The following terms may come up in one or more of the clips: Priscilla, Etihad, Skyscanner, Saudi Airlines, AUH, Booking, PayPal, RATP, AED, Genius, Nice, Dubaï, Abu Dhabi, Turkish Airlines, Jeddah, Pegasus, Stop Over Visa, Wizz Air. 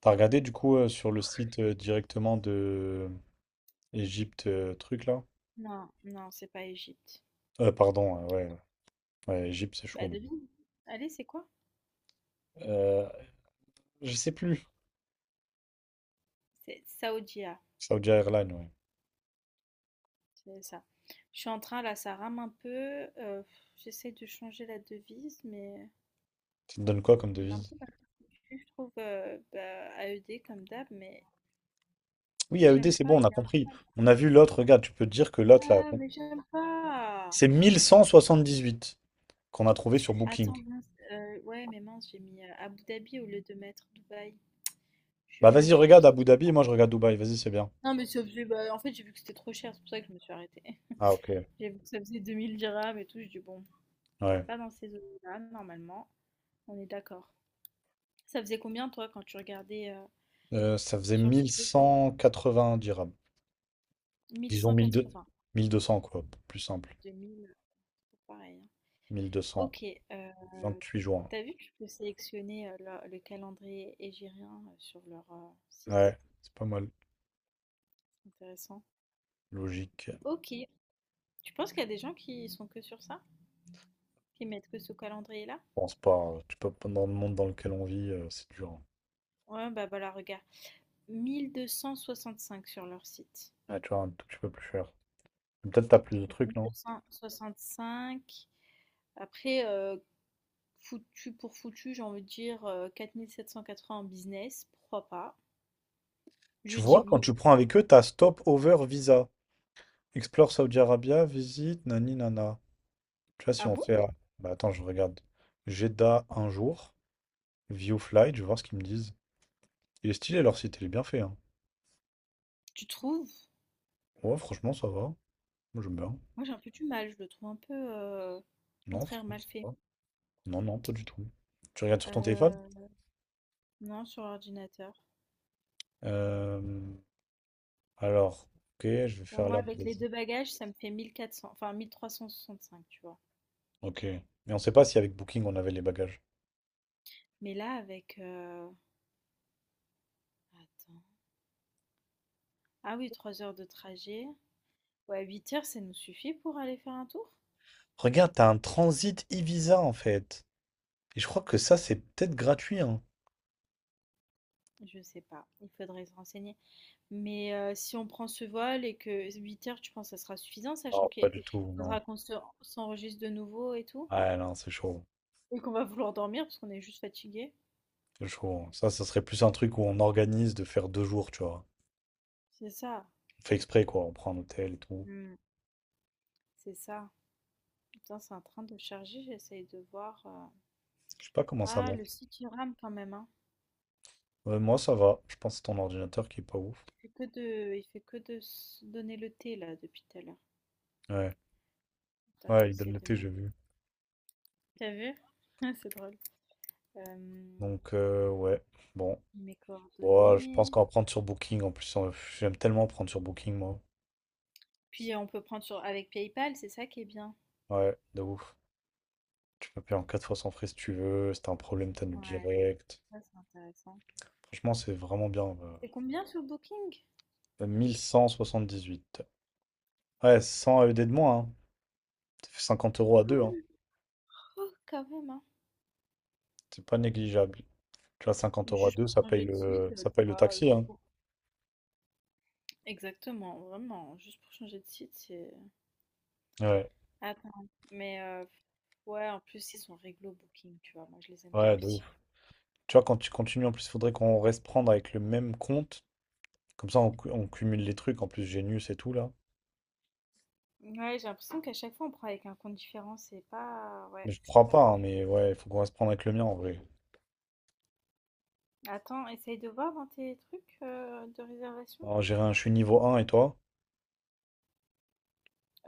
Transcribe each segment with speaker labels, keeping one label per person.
Speaker 1: T'as regardé du coup sur le site directement de Égypte truc là?
Speaker 2: Non, non, c'est pas Égypte.
Speaker 1: Pardon, ouais, ouais, Égypte c'est
Speaker 2: Bah
Speaker 1: chaud.
Speaker 2: devine. Allez, c'est quoi?
Speaker 1: Euh, je sais plus.
Speaker 2: C'est Saoudia,
Speaker 1: Saudi Airlines, ouais.
Speaker 2: c'est ça. Je suis en train là, ça rame un peu. J'essaie de changer la devise, mais
Speaker 1: Ça te donne quoi comme
Speaker 2: on est un
Speaker 1: devise?
Speaker 2: peu mal foutu, je trouve, bah, AED comme d'hab, mais
Speaker 1: Oui, AED,
Speaker 2: j'aime
Speaker 1: c'est
Speaker 2: pas.
Speaker 1: bon, on
Speaker 2: Il
Speaker 1: a
Speaker 2: est un peu
Speaker 1: compris.
Speaker 2: mal-
Speaker 1: On a vu l'autre, regarde, tu peux te dire que l'autre là,
Speaker 2: Ah, mais j'aime pas.
Speaker 1: c'est 1178 qu'on a trouvé sur Booking.
Speaker 2: Attends, mince, ouais, mais mince, j'ai mis Abu Dhabi au lieu de mettre Dubaï. Je
Speaker 1: Bah
Speaker 2: me
Speaker 1: vas-y,
Speaker 2: suis
Speaker 1: regarde Abu
Speaker 2: trompée.
Speaker 1: Dhabi et moi je regarde Dubaï, vas-y, c'est bien.
Speaker 2: Non, mais ça faisait, bah, en fait, j'ai vu que c'était trop cher, c'est pour ça que je me suis arrêtée.
Speaker 1: Ah, ok,
Speaker 2: J'ai vu que ça faisait 2000 dirhams et tout, je dis bon. C'est
Speaker 1: ouais.
Speaker 2: pas dans ces zones-là, normalement. On est d'accord. Ça faisait combien, toi, quand tu regardais
Speaker 1: Ça faisait
Speaker 2: sur le truc?
Speaker 1: 1180 dirhams. Disons mille deux cents,
Speaker 2: 1180.
Speaker 1: 1200, quoi, plus simple.
Speaker 2: 2000, c'est pareil, hein.
Speaker 1: 1200.
Speaker 2: Ok. euh,
Speaker 1: 28 juin.
Speaker 2: T'as vu que tu peux sélectionner le calendrier égyrien sur leur site?
Speaker 1: Ouais, c'est pas mal.
Speaker 2: C'est intéressant.
Speaker 1: Logique. Je
Speaker 2: Ok. Tu penses qu'il y a des gens qui sont que sur ça? Qui mettent que ce calendrier-là?
Speaker 1: pense pas. Tu peux pas dans le monde dans lequel on vit, c'est dur, hein.
Speaker 2: Ouais, bah voilà, regarde. 1265 sur leur site.
Speaker 1: Ouais, tu vois, un tout petit peu plus cher. Mais peut-être t'as plus de
Speaker 2: Donc
Speaker 1: trucs, non?
Speaker 2: 1265. Après, foutu pour foutu, j'ai envie de dire 4780 en business, pourquoi pas? Je
Speaker 1: Tu
Speaker 2: dis
Speaker 1: vois, quand
Speaker 2: oui.
Speaker 1: tu prends avec eux, t'as Stop Over Visa. Explore Saudi Arabia, visite, nani nana. Tu vois, si
Speaker 2: Ah
Speaker 1: on
Speaker 2: bon?
Speaker 1: fait. Bah attends, je regarde. Jeddah un jour, View Flight, je vais voir ce qu'ils me disent. Il est stylé leur site, il est bien fait, hein.
Speaker 2: Tu trouves?
Speaker 1: Ouais, franchement, ça va. Moi, j'aime bien.
Speaker 2: Moi j'ai un peu du mal, je le trouve un peu
Speaker 1: Non,
Speaker 2: contraire
Speaker 1: franchement,
Speaker 2: mal
Speaker 1: ça
Speaker 2: fait.
Speaker 1: va. Non, non, pas du tout. Tu regardes sur ton téléphone?
Speaker 2: Euh, non, sur l'ordinateur.
Speaker 1: Euh, Alors, ok, je vais
Speaker 2: Tu vois,
Speaker 1: faire
Speaker 2: moi
Speaker 1: là.
Speaker 2: avec les deux bagages, ça me fait 1400, enfin 1365, tu vois.
Speaker 1: Ok. Mais on sait pas si avec Booking on avait les bagages.
Speaker 2: Mais là avec... attends. Ah oui, 3 heures de trajet. Ouais, 8 heures, ça nous suffit pour aller faire un tour?
Speaker 1: Regarde, t'as un transit e-visa en fait. Et je crois que ça, c'est peut-être gratuit, hein.
Speaker 2: Je sais pas, il faudrait se renseigner. Mais si on prend ce vol et que 8 heures, tu penses que ça sera suffisant?
Speaker 1: Non,
Speaker 2: Sachant
Speaker 1: pas
Speaker 2: qu'il
Speaker 1: du tout,
Speaker 2: faudra
Speaker 1: non.
Speaker 2: qu'on se s'enregistre de nouveau et tout?
Speaker 1: Ouais, non, c'est chaud.
Speaker 2: Et qu'on va vouloir dormir parce qu'on est juste fatigué?
Speaker 1: C'est chaud. Ça serait plus un truc où on organise de faire deux jours, tu vois.
Speaker 2: C'est ça.
Speaker 1: On fait exprès, quoi. On prend un hôtel et tout.
Speaker 2: Mmh, c'est ça. Putain, c'est en train de charger, j'essaye de voir,
Speaker 1: Je sais pas comment ça
Speaker 2: ah,
Speaker 1: monte.
Speaker 2: le site, il rame quand même, hein.
Speaker 1: Ouais, moi, ça va. Je pense que c'est ton ordinateur qui est pas ouf.
Speaker 2: Il fait que de se donner le thé, là, depuis tout à l'heure.
Speaker 1: Ouais.
Speaker 2: Attends, je vais
Speaker 1: Ouais, il donne
Speaker 2: essayer de
Speaker 1: l'été, j'ai
Speaker 2: mettre
Speaker 1: vu.
Speaker 2: T'as vu? C'est drôle. Hem,
Speaker 1: Donc, ouais. Bon.
Speaker 2: mes
Speaker 1: Bon, je pense
Speaker 2: coordonnées.
Speaker 1: qu'on va prendre sur Booking en plus. J'aime tellement prendre sur Booking, moi.
Speaker 2: Puis on peut prendre sur avec PayPal, c'est ça qui est bien.
Speaker 1: Ouais, de ouf. Tu peux payer en 4 fois sans frais si tu veux. Si t'as un problème, t'annules
Speaker 2: Ouais,
Speaker 1: direct.
Speaker 2: ça, c'est intéressant.
Speaker 1: Franchement, c'est vraiment bien.
Speaker 2: C'est combien sur Booking?
Speaker 1: 1178. Ouais, 100 AED de moins, hein. Ça fait 50 € à deux, hein.
Speaker 2: Cool. Oh, quand même, hein.
Speaker 1: C'est pas négligeable. Tu vois, 50 € à
Speaker 2: Juste
Speaker 1: deux,
Speaker 2: pour
Speaker 1: ça paye
Speaker 2: changer de
Speaker 1: le,
Speaker 2: site,
Speaker 1: ça
Speaker 2: tu
Speaker 1: paye le
Speaker 2: vois,
Speaker 1: taxi, hein.
Speaker 2: exactement, vraiment, juste pour changer de site, c'est...
Speaker 1: Ouais,
Speaker 2: Attends, mais ouais, en plus, ils sont réglo Booking, tu vois, moi je les aime bien
Speaker 1: ouais, de
Speaker 2: aussi, hein.
Speaker 1: ouf. Tu vois, quand tu continues, en plus, il faudrait qu'on reste prendre avec le même compte. Comme ça, on cumule les trucs. En plus, Genius et tout, là.
Speaker 2: Ouais, j'ai l'impression qu'à chaque fois, on prend avec un compte différent, c'est pas...
Speaker 1: Mais
Speaker 2: Ouais,
Speaker 1: je
Speaker 2: c'est
Speaker 1: crois
Speaker 2: pas
Speaker 1: pas, hein,
Speaker 2: foutu.
Speaker 1: mais ouais, il faut qu'on reste prendre avec le mien, en vrai.
Speaker 2: Attends, essaye de voir dans tes trucs de réservation.
Speaker 1: Alors, j'ai rien, je suis niveau un et toi?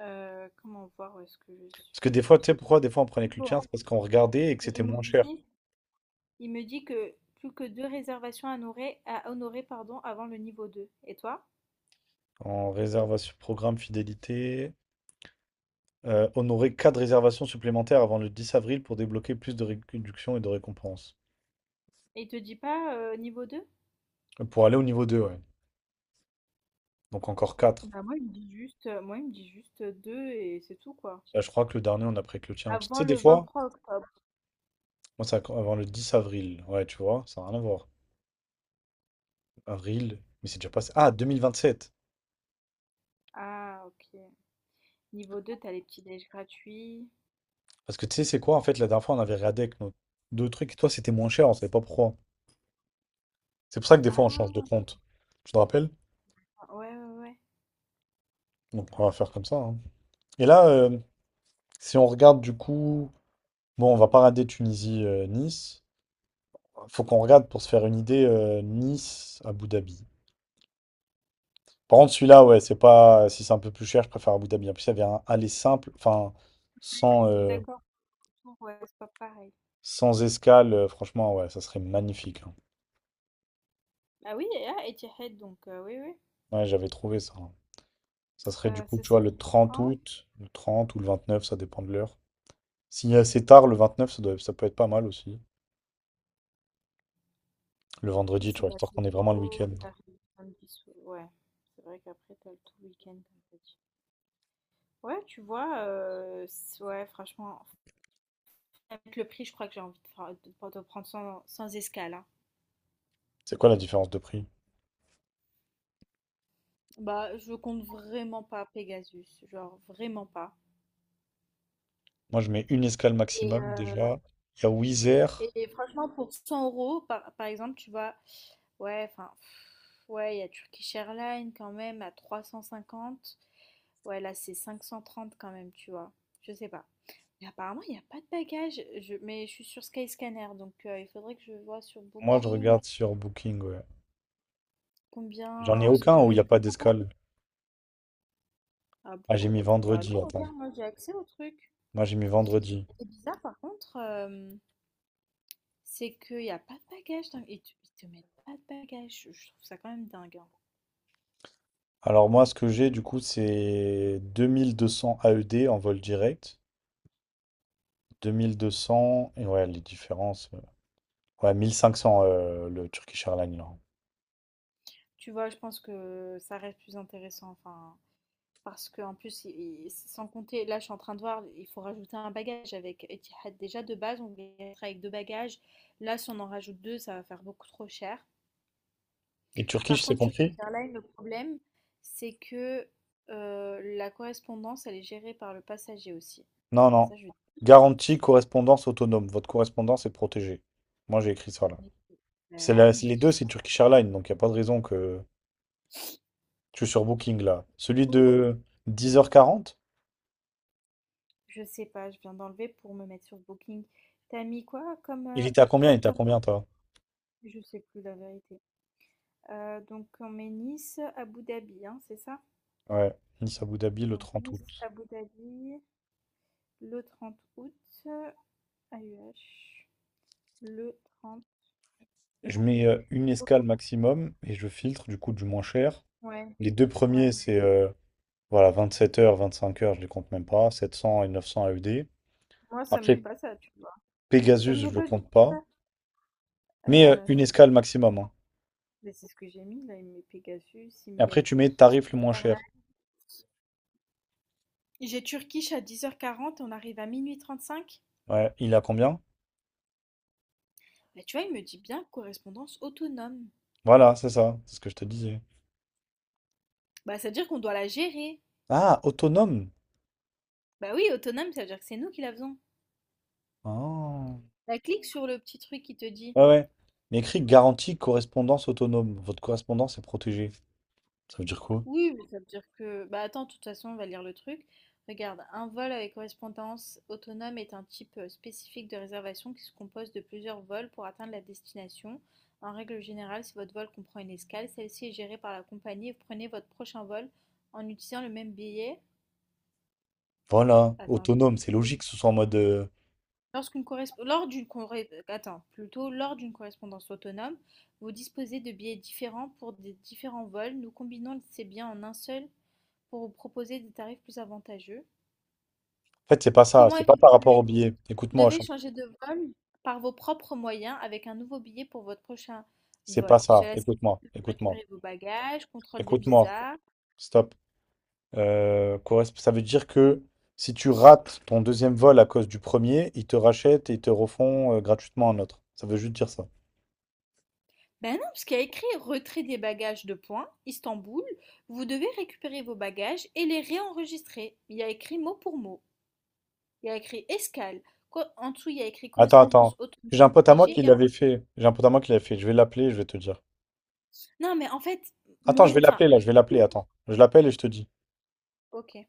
Speaker 2: Comment voir où est-ce que je
Speaker 1: Parce que
Speaker 2: suis?
Speaker 1: des
Speaker 2: Je
Speaker 1: fois, tu sais pourquoi
Speaker 2: suis...
Speaker 1: des fois on prenait que le
Speaker 2: Bon,
Speaker 1: tien, c'est parce qu'on regardait et que c'était moins cher.
Speaker 2: immobilisé. Il me dit que plus que deux réservations à honorer pardon, avant le niveau 2. Et toi?
Speaker 1: En réservation, programme fidélité. Honorer 4 réservations supplémentaires avant le 10 avril pour débloquer plus de réductions et de récompenses.
Speaker 2: Et il te dit pas niveau deux?
Speaker 1: Pour aller au niveau deux, ouais. Donc encore quatre.
Speaker 2: Bah moi il me dit juste 2 et c'est tout quoi.
Speaker 1: Là, je crois que le dernier, on a pris que le tien. Parce que, tu
Speaker 2: Avant
Speaker 1: sais, des
Speaker 2: le vingt
Speaker 1: fois,
Speaker 2: trois octobre.
Speaker 1: moi, c'est avant le 10 avril. Ouais, tu vois, ça n'a rien à voir. Avril, mais c'est déjà passé. Ah, 2027.
Speaker 2: Ah ok. Niveau 2, t'as les petits déj gratuits.
Speaker 1: Parce que tu sais, c'est quoi, en fait, la dernière fois, on avait regardé avec nos deux trucs et toi, c'était moins cher, on savait pas pourquoi. C'est pour ça que des fois, on change de
Speaker 2: Ah
Speaker 1: compte. Tu te rappelles?
Speaker 2: ouais ouais ouais.
Speaker 1: Donc, on va faire comme ça, hein. Et là, si on regarde du coup. Bon, on va pas rater Tunisie-Nice. Faut qu'on regarde pour se faire une idée Nice-Abu Dhabi. Par contre, celui-là, ouais, c'est pas. Si c'est un peu plus cher, je préfère Abu Dhabi. En plus, il y avait un aller simple, enfin,
Speaker 2: Je
Speaker 1: sans,
Speaker 2: suis
Speaker 1: euh,
Speaker 2: d'accord pour tout, ouais, c'est pas pareil.
Speaker 1: sans escale. Franchement, ouais, ça serait magnifique, hein.
Speaker 2: Ah oui, et ah, Etihad donc oui oui.
Speaker 1: Ouais, j'avais trouvé ça, hein. Ça serait du coup,
Speaker 2: Ce
Speaker 1: tu vois,
Speaker 2: serait
Speaker 1: le
Speaker 2: pour
Speaker 1: 30
Speaker 2: quand?
Speaker 1: août, le 30 ou le 29, ça dépend de l'heure. S'il y a assez tard, le 29, ça peut être pas mal aussi. Le vendredi, tu vois,
Speaker 2: Priscilla,
Speaker 1: histoire
Speaker 2: c'est
Speaker 1: qu'on ait vraiment le
Speaker 2: tôt,
Speaker 1: week-end.
Speaker 2: t'arrives samedi soir. Ouais. C'est vrai qu'après t'as le tout week-end comme ça. Ouais, tu vois, ouais, franchement, avec le prix, je crois que j'ai envie de, de prendre sans escale, hein.
Speaker 1: C'est quoi la différence de prix?
Speaker 2: Bah, je compte vraiment pas Pegasus, genre vraiment pas.
Speaker 1: Moi, je mets une escale
Speaker 2: Et,
Speaker 1: maximum
Speaker 2: euh,
Speaker 1: déjà. Il y a Wizz Air.
Speaker 2: et franchement, pour 100 euros, par exemple, tu vois, ouais, enfin, pff, ouais, il y a Turkish Airlines quand même à 350. Ouais, là, c'est 530 quand même, tu vois. Je sais pas. Mais apparemment, il n'y a pas de bagages, mais je suis sur Skyscanner, donc il faudrait que je vois sur
Speaker 1: Moi, je
Speaker 2: Booking.
Speaker 1: regarde sur Booking, ouais. J'en
Speaker 2: Combien?
Speaker 1: ai
Speaker 2: Parce
Speaker 1: aucun où il
Speaker 2: que
Speaker 1: n'y a pas d'escale.
Speaker 2: ah
Speaker 1: Ah, j'ai
Speaker 2: bon?
Speaker 1: mis
Speaker 2: Bah non,
Speaker 1: vendredi, attends.
Speaker 2: regarde, moi j'ai accès au truc.
Speaker 1: Moi, j'ai mis
Speaker 2: Et
Speaker 1: vendredi.
Speaker 2: ce bizarre par contre, c'est qu'il n'y a pas de bagages. Dingue. Et tu- ils te mettent pas de bagages. Je trouve ça quand même dingue, hein.
Speaker 1: Alors, moi, ce que j'ai, du coup, c'est 2200 AED en vol direct. 2200, et ouais, les différences. Ouais, 1500 le Turkish Airlines, là.
Speaker 2: Tu vois, je pense que ça reste plus intéressant. Enfin, parce qu'en plus, sans compter, là je suis en train de voir, il faut rajouter un bagage avec Etihad. Déjà de base, on voulait être avec deux bagages. Là, si on en rajoute deux, ça va faire beaucoup trop cher.
Speaker 1: Et Turkish,
Speaker 2: Par
Speaker 1: c'est
Speaker 2: contre, Turkish
Speaker 1: compris?
Speaker 2: Airlines, le problème, c'est que la correspondance, elle est gérée par le passager aussi.
Speaker 1: Non,
Speaker 2: Et
Speaker 1: non.
Speaker 2: ça, je
Speaker 1: Garantie,
Speaker 2: déteste.
Speaker 1: correspondance autonome. Votre correspondance est protégée. Moi, j'ai écrit ça, là.
Speaker 2: Mais
Speaker 1: C'est
Speaker 2: moi,
Speaker 1: la-
Speaker 2: ils
Speaker 1: c'est
Speaker 2: me
Speaker 1: les deux, c'est
Speaker 2: pas.
Speaker 1: Turkish Airlines, donc il n'y a pas de raison que... Je suis sur Booking, là. Celui de 10h40?
Speaker 2: Je sais pas, je viens d'enlever pour me mettre sur Booking. T'as mis quoi comme,
Speaker 1: Il était à combien? Il était à
Speaker 2: comme...
Speaker 1: combien, toi?
Speaker 2: Je sais plus la vérité. Donc, on met Nice, Abu Dhabi, hein, c'est ça?
Speaker 1: Ouais, Nice Abu Dhabi le
Speaker 2: Donc,
Speaker 1: 30
Speaker 2: Nice,
Speaker 1: août.
Speaker 2: Abu Dhabi, le 30 août, AUH, le 30
Speaker 1: Je
Speaker 2: 30 août.
Speaker 1: mets une
Speaker 2: Ok.
Speaker 1: escale maximum et je filtre du coup du moins cher.
Speaker 2: Ouais,
Speaker 1: Les deux premiers,
Speaker 2: ouais.
Speaker 1: c'est voilà, 27h, 25 heures, je les compte même pas. 700 et 900 AED.
Speaker 2: Moi, ça me met
Speaker 1: Après,
Speaker 2: pas ça, tu vois.
Speaker 1: Pegasus,
Speaker 2: Ça me met
Speaker 1: je le
Speaker 2: pas du
Speaker 1: compte
Speaker 2: tout
Speaker 1: pas.
Speaker 2: ça.
Speaker 1: Mais une
Speaker 2: C'est bien.
Speaker 1: escale maximum, hein.
Speaker 2: Mais c'est ce que j'ai mis là. Il me met Pegasus, il
Speaker 1: Et
Speaker 2: me
Speaker 1: après,
Speaker 2: met
Speaker 1: tu mets tarif le moins cher.
Speaker 2: Switzerland. J'ai Turkish à 10h40 et on arrive à 0h35.
Speaker 1: Ouais, il a combien?
Speaker 2: Bah, tu vois, il me dit bien correspondance autonome.
Speaker 1: Voilà, c'est ça. C'est ce que je te disais.
Speaker 2: Bah, ça veut dire qu'on doit la gérer.
Speaker 1: Ah, autonome.
Speaker 2: Bah oui, autonome, ça veut dire que c'est nous qui la faisons.
Speaker 1: Ah.
Speaker 2: Bah, clique sur le petit truc qui te dit.
Speaker 1: Ouais, ouais. Mais écrit garantie correspondance autonome. Votre correspondance est protégée. Ça veut dire quoi?
Speaker 2: Oui, mais ça veut dire que... Bah attends, de toute façon, on va lire le truc. Regarde, un vol avec correspondance autonome est un type spécifique de réservation qui se compose de plusieurs vols pour atteindre la destination. En règle générale, si votre vol comprend une escale, celle-ci est gérée par la compagnie et vous prenez votre prochain vol en utilisant le même billet.
Speaker 1: Voilà,
Speaker 2: Attends, le
Speaker 1: autonome, c'est
Speaker 2: billet.
Speaker 1: logique que ce soit en mode.
Speaker 2: Lorsqu'une corresp- lors d'une corré- Attends, plutôt lors d'une correspondance autonome, vous disposez de billets différents pour des différents vols. Nous combinons ces biens en un seul pour vous proposer des tarifs plus avantageux.
Speaker 1: En fait, c'est pas ça,
Speaker 2: Comment
Speaker 1: c'est pas par rapport
Speaker 2: effectuer?
Speaker 1: au billet.
Speaker 2: Vous
Speaker 1: Écoute-moi, je
Speaker 2: devez
Speaker 1: suis en-
Speaker 2: changer de vol par vos propres moyens avec un nouveau billet pour votre prochain
Speaker 1: c'est pas
Speaker 2: vol.
Speaker 1: ça.
Speaker 2: Cela signifie
Speaker 1: Écoute-moi,
Speaker 2: que vous
Speaker 1: écoute-moi,
Speaker 2: récupérez vos bagages, contrôle de
Speaker 1: écoute-moi.
Speaker 2: visa.
Speaker 1: Stop. Ça veut dire que si tu rates ton deuxième vol à cause du premier, ils te rachètent et ils te refont gratuitement un autre. Ça veut juste dire ça.
Speaker 2: Ben non, parce qu'il y a écrit retrait des bagages de points, Istanbul. Vous devez récupérer vos bagages et les réenregistrer. Il y a écrit mot pour mot. Il y a écrit escale. En dessous, il y a écrit
Speaker 1: Attends, attends.
Speaker 2: correspondance
Speaker 1: J'ai un pote à moi
Speaker 2: automatique.
Speaker 1: qui
Speaker 2: et en-
Speaker 1: l'avait fait. J'ai un pote à moi qui l'avait fait. Je vais l'appeler, je vais te dire.
Speaker 2: Non, mais en fait,
Speaker 1: Attends,
Speaker 2: moi,
Speaker 1: je vais
Speaker 2: enfin,
Speaker 1: l'appeler là, je vais l'appeler, attends. Je l'appelle et je te dis.
Speaker 2: ok.